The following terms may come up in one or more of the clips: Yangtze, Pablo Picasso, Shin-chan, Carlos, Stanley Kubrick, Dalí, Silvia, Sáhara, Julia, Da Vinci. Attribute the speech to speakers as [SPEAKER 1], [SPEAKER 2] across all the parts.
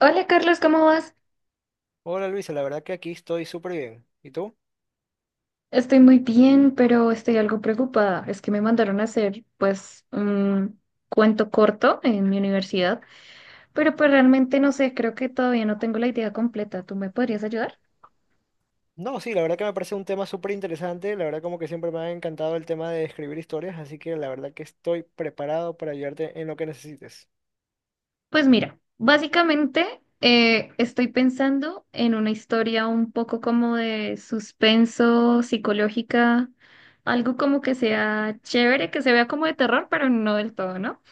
[SPEAKER 1] Hola Carlos, ¿cómo vas?
[SPEAKER 2] Hola Luisa, la verdad que aquí estoy súper bien. ¿Y tú?
[SPEAKER 1] Estoy muy bien, pero estoy algo preocupada. Es que me mandaron a hacer pues un cuento corto en mi universidad, pero pues realmente no sé, creo que todavía no tengo la idea completa. ¿Tú me podrías ayudar?
[SPEAKER 2] No, sí, la verdad que me parece un tema súper interesante. La verdad como que siempre me ha encantado el tema de escribir historias, así que la verdad que estoy preparado para ayudarte en lo que necesites.
[SPEAKER 1] Pues mira, básicamente estoy pensando en una historia un poco como de suspenso, psicológica, algo como que sea chévere, que se vea como de terror, pero no del todo, ¿no?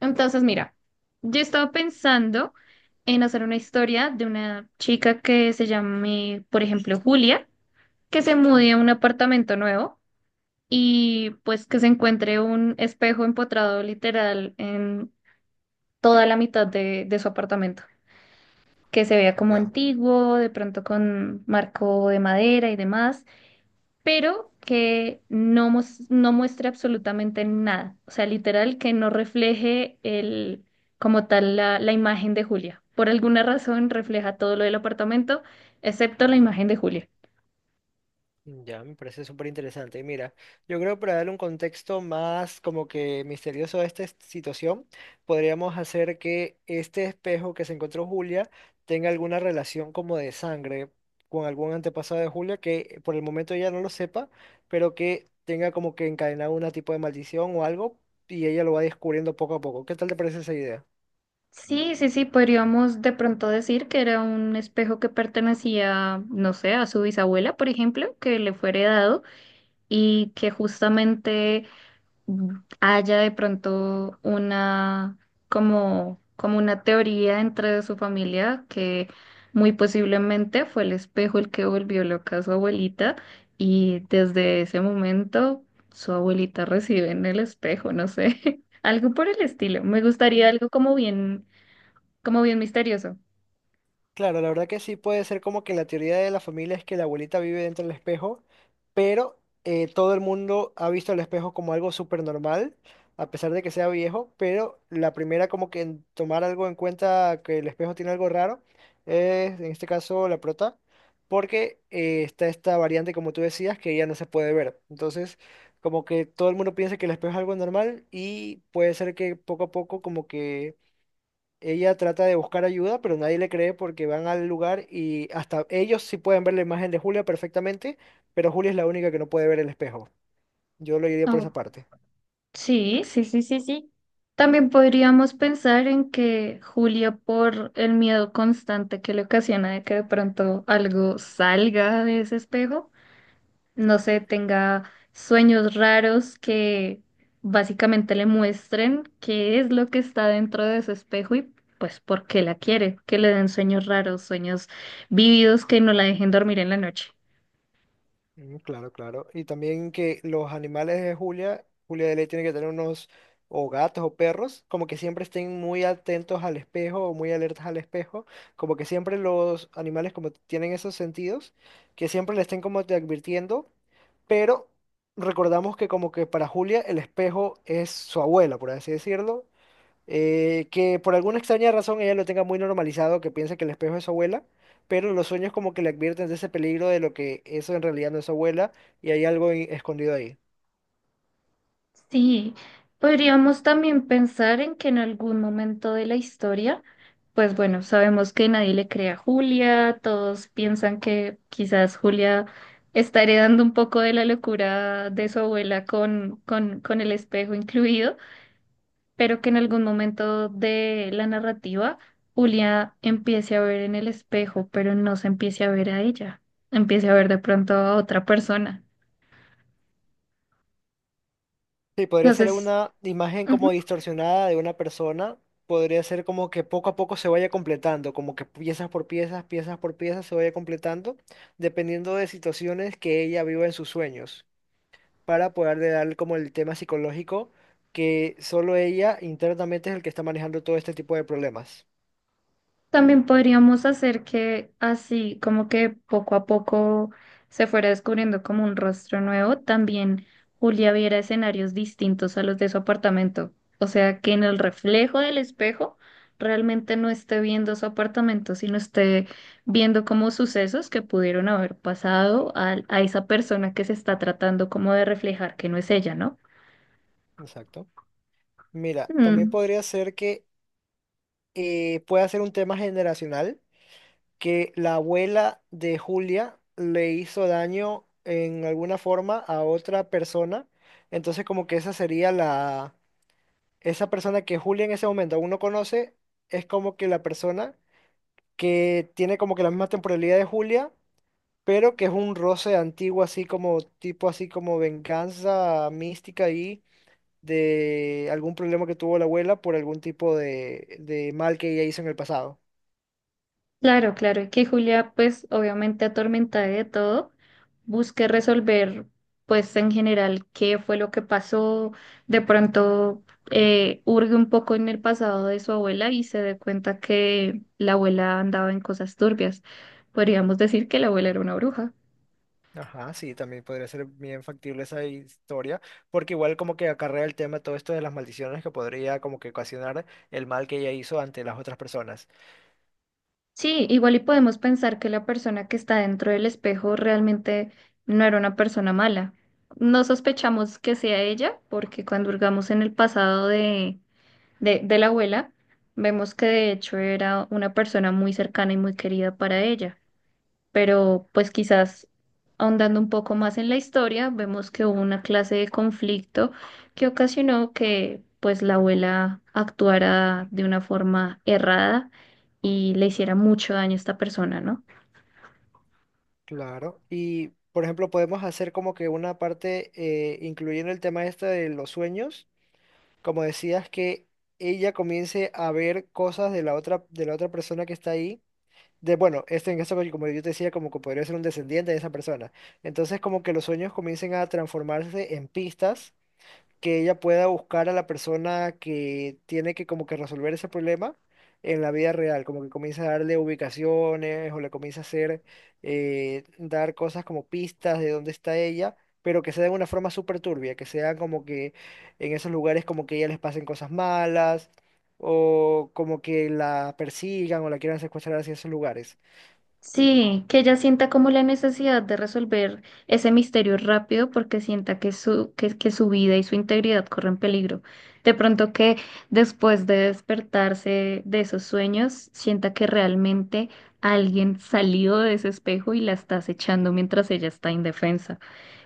[SPEAKER 1] Entonces, mira, yo estaba pensando en hacer una historia de una chica que se llame, por ejemplo, Julia, que se mude a un
[SPEAKER 2] Ujú.
[SPEAKER 1] apartamento nuevo y pues que se encuentre un espejo empotrado literal en toda la mitad de su apartamento, que se vea como
[SPEAKER 2] Ya.
[SPEAKER 1] antiguo, de pronto con marco de madera y demás, pero que no, no muestre absolutamente nada. O sea, literal, que no refleje el, como tal la imagen de Julia. Por alguna razón refleja todo lo del apartamento, excepto la imagen de Julia.
[SPEAKER 2] Ya, me parece súper interesante. Y mira, yo creo para darle un contexto más como que misterioso a situación, podríamos hacer que este espejo que se encontró Julia tenga alguna relación como de sangre con algún antepasado de Julia que por el momento ella no lo sepa, pero que tenga como que encadenado un tipo de maldición o algo y ella lo va descubriendo poco a poco. ¿Qué tal te parece esa idea?
[SPEAKER 1] Sí, sí, sí, podríamos de pronto decir que era un espejo que pertenecía, no sé, a su bisabuela, por ejemplo, que le fue heredado y que justamente haya de pronto como, como una teoría dentro de su familia que muy posiblemente fue el espejo el que volvió loca a su abuelita y desde ese momento su abuelita recibe en el espejo, no sé, algo por el estilo. Me gustaría algo como bien misterioso.
[SPEAKER 2] Claro, la verdad que sí puede ser como que la teoría de la familia es que la abuelita vive dentro del espejo, pero todo el mundo ha visto el espejo como algo súper normal, a pesar de que sea viejo, pero la primera como que en tomar algo en cuenta que el espejo tiene algo raro es en este caso la prota, porque está esta variante como tú decías que ya no se puede ver. Entonces, como que todo el mundo piensa que el espejo es algo normal y puede ser que poco a poco como que ella trata de buscar ayuda, pero nadie le cree porque van al lugar y hasta ellos sí pueden ver la imagen de Julia perfectamente, pero Julia es la única que no puede ver el espejo. Yo lo diría por esa parte.
[SPEAKER 1] Sí, sí, sí, sí, sí. También podríamos pensar en que Julia, por el miedo constante que le ocasiona de que de pronto algo salga de ese espejo, no sé, tenga sueños raros que básicamente le muestren qué es lo que está dentro de ese espejo y pues por qué la quiere, que le den sueños raros, sueños vívidos que no la dejen dormir en la noche.
[SPEAKER 2] Mm, claro, claro. Y también que los animales de Julia, Julia de Ley tiene que tener unos o gatos o perros, como que siempre estén muy atentos al espejo o muy alertas al espejo, como que siempre los animales como tienen esos sentidos, que siempre le estén como te advirtiendo, pero recordamos que como que para Julia el espejo es su abuela, por así decirlo, que por alguna extraña razón ella lo tenga muy normalizado, que piensa que el espejo es su abuela, pero los sueños como que le advierten de ese peligro de lo que eso en realidad no es su abuela y hay algo escondido ahí.
[SPEAKER 1] Sí, podríamos también pensar en que en algún momento de la historia, pues bueno, sabemos que nadie le cree a Julia, todos piensan que quizás Julia está heredando un poco de la locura de su abuela con el espejo incluido, pero que en algún momento de la narrativa Julia empiece a ver en el espejo, pero no se empiece a ver a ella, empiece a ver de pronto a otra persona.
[SPEAKER 2] Sí, podría ser
[SPEAKER 1] Entonces,
[SPEAKER 2] una imagen como distorsionada de una persona, podría ser como que poco a poco se vaya completando, como que piezas por piezas se vaya completando, dependiendo de situaciones que ella viva en sus sueños, para poder de dar como el tema psicológico que solo ella internamente es el que está manejando todo este tipo de problemas.
[SPEAKER 1] También podríamos hacer que así, como que poco a poco se fuera descubriendo como un rostro nuevo, también Julia viera escenarios distintos a los de su apartamento. O sea, que en el reflejo del espejo realmente no esté viendo su apartamento, sino esté viendo como sucesos que pudieron haber pasado a esa persona que se está tratando como de reflejar que no es ella, ¿no?
[SPEAKER 2] Exacto. Mira, también
[SPEAKER 1] Mm.
[SPEAKER 2] podría ser que pueda ser un tema generacional, que la abuela de Julia le hizo daño en alguna forma a otra persona, entonces como que esa sería la, esa persona que Julia en ese momento aún no conoce, es como que la persona que tiene como que la misma temporalidad de Julia pero que es un roce antiguo, así como tipo, así como venganza mística ahí de algún problema que tuvo la abuela por algún tipo de mal que ella hizo en el pasado.
[SPEAKER 1] Claro, claro, y que Julia, pues obviamente atormentada de todo, busque resolver, pues en general, qué fue lo que pasó, de pronto hurgue un poco en el pasado de su abuela y se dé cuenta que la abuela andaba en cosas turbias. Podríamos decir que la abuela era una bruja.
[SPEAKER 2] Ajá, sí, también podría ser bien factible esa historia, porque igual como que acarrea el tema todo esto de las maldiciones que podría como que ocasionar el mal que ella hizo ante las otras personas.
[SPEAKER 1] Sí, igual y podemos pensar que la persona que está dentro del espejo realmente no era una persona mala. No sospechamos que sea ella, porque cuando hurgamos en el pasado de la abuela, vemos que de hecho era una persona muy cercana y muy querida para ella. Pero pues quizás ahondando un poco más en la historia, vemos que hubo una clase de conflicto que ocasionó que pues la abuela actuara de una forma errada y le hiciera mucho daño a esta persona, ¿no?
[SPEAKER 2] Claro, y por ejemplo podemos hacer como que una parte incluyendo el tema este de los sueños como decías, que ella comience a ver cosas de la otra persona que está ahí. De, bueno, este en caso, como yo te decía, como que podría ser un descendiente de esa persona. Entonces, como que los sueños comiencen a transformarse en pistas que ella pueda buscar a la persona que tiene que como que resolver ese problema en la vida real, como que comienza a darle ubicaciones o le comienza a hacer, dar cosas como pistas de dónde está ella, pero que sea de una forma súper turbia, que sea como que en esos lugares como que a ella les pasen cosas malas o como que la persigan o la quieran secuestrar hacia esos lugares.
[SPEAKER 1] Sí, que ella sienta como la necesidad de resolver ese misterio rápido porque sienta que su vida y su integridad corren peligro. De pronto que después de despertarse de esos sueños, sienta que realmente alguien salió de ese espejo y la está acechando mientras ella está indefensa.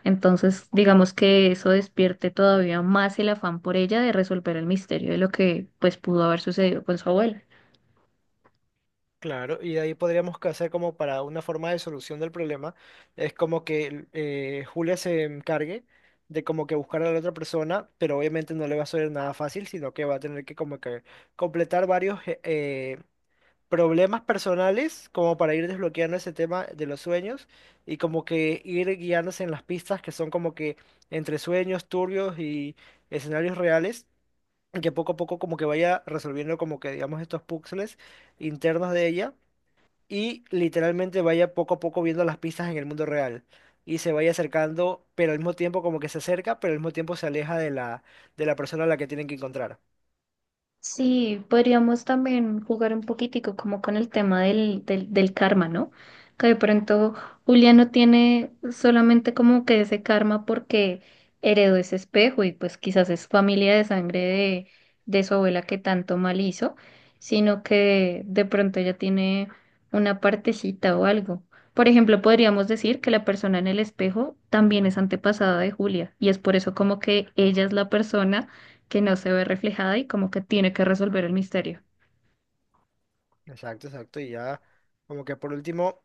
[SPEAKER 1] Entonces, digamos que eso despierte todavía más el afán por ella de resolver el misterio de lo que pues pudo haber sucedido con su abuela.
[SPEAKER 2] Claro, y de ahí podríamos que hacer como para una forma de solución del problema, es como que Julia se encargue de como que buscar a la otra persona, pero obviamente no le va a ser nada fácil, sino que va a tener que como que completar varios problemas personales como para ir desbloqueando ese tema de los sueños y como que ir guiándose en las pistas que son como que entre sueños turbios y escenarios reales, y que poco a poco como que vaya resolviendo como que digamos estos puzzles internos de ella y literalmente vaya poco a poco viendo las pistas en el mundo real y se vaya acercando, pero al mismo tiempo como que se acerca, pero al mismo tiempo se aleja de la persona a la que tienen que encontrar.
[SPEAKER 1] Sí, podríamos también jugar un poquitico como con el tema del karma, ¿no? Que de pronto Julia no tiene solamente como que ese karma porque heredó ese espejo y pues quizás es familia de sangre de su abuela que tanto mal hizo, sino que de pronto ella tiene una partecita o algo. Por ejemplo, podríamos decir que la persona en el espejo también es antepasada de Julia y es por eso como que ella es la persona que no se ve reflejada y como que tiene que resolver el misterio.
[SPEAKER 2] Exacto, exacto. Y ya, como que por último,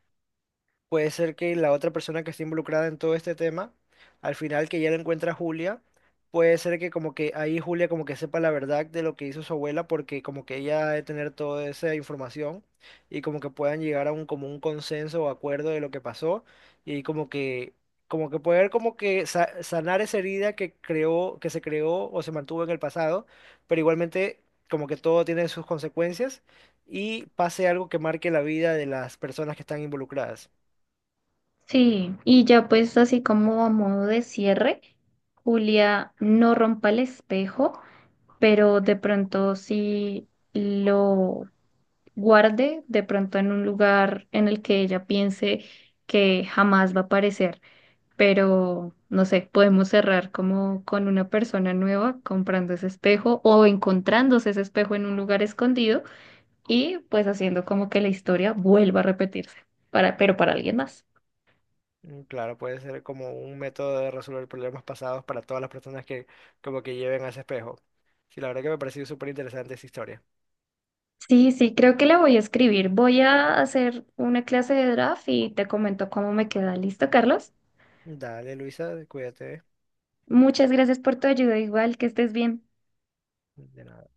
[SPEAKER 2] puede ser que la otra persona que esté involucrada en todo este tema, al final que ya lo encuentra Julia, puede ser que como que ahí Julia como que sepa la verdad de lo que hizo su abuela, porque como que ella ha de tener toda esa información y como que puedan llegar a un como un consenso o acuerdo de lo que pasó y como que poder como que sanar esa herida que creó, que se creó o se mantuvo en el pasado, pero igualmente como que todo tiene sus consecuencias y pase algo que marque la vida de las personas que están involucradas.
[SPEAKER 1] Sí, y ya pues así como a modo de cierre, Julia no rompa el espejo, pero de pronto sí lo guarde, de pronto en un lugar en el que ella piense que jamás va a aparecer, pero no sé, podemos cerrar como con una persona nueva comprando ese espejo o encontrándose ese espejo en un lugar escondido y pues haciendo como que la historia vuelva a repetirse, para, pero para alguien más.
[SPEAKER 2] Mm, claro, puede ser como un método de resolver problemas pasados para todas las personas que como que lleven a ese espejo. Sí, la verdad que me ha parecido súper interesante esa historia.
[SPEAKER 1] Sí, sí, creo que la voy a escribir. Voy a hacer una clase de draft y te comento cómo me queda. ¿Listo, Carlos?
[SPEAKER 2] Dale, Luisa, cuídate.
[SPEAKER 1] Muchas gracias por tu ayuda, igual que estés bien.
[SPEAKER 2] De nada.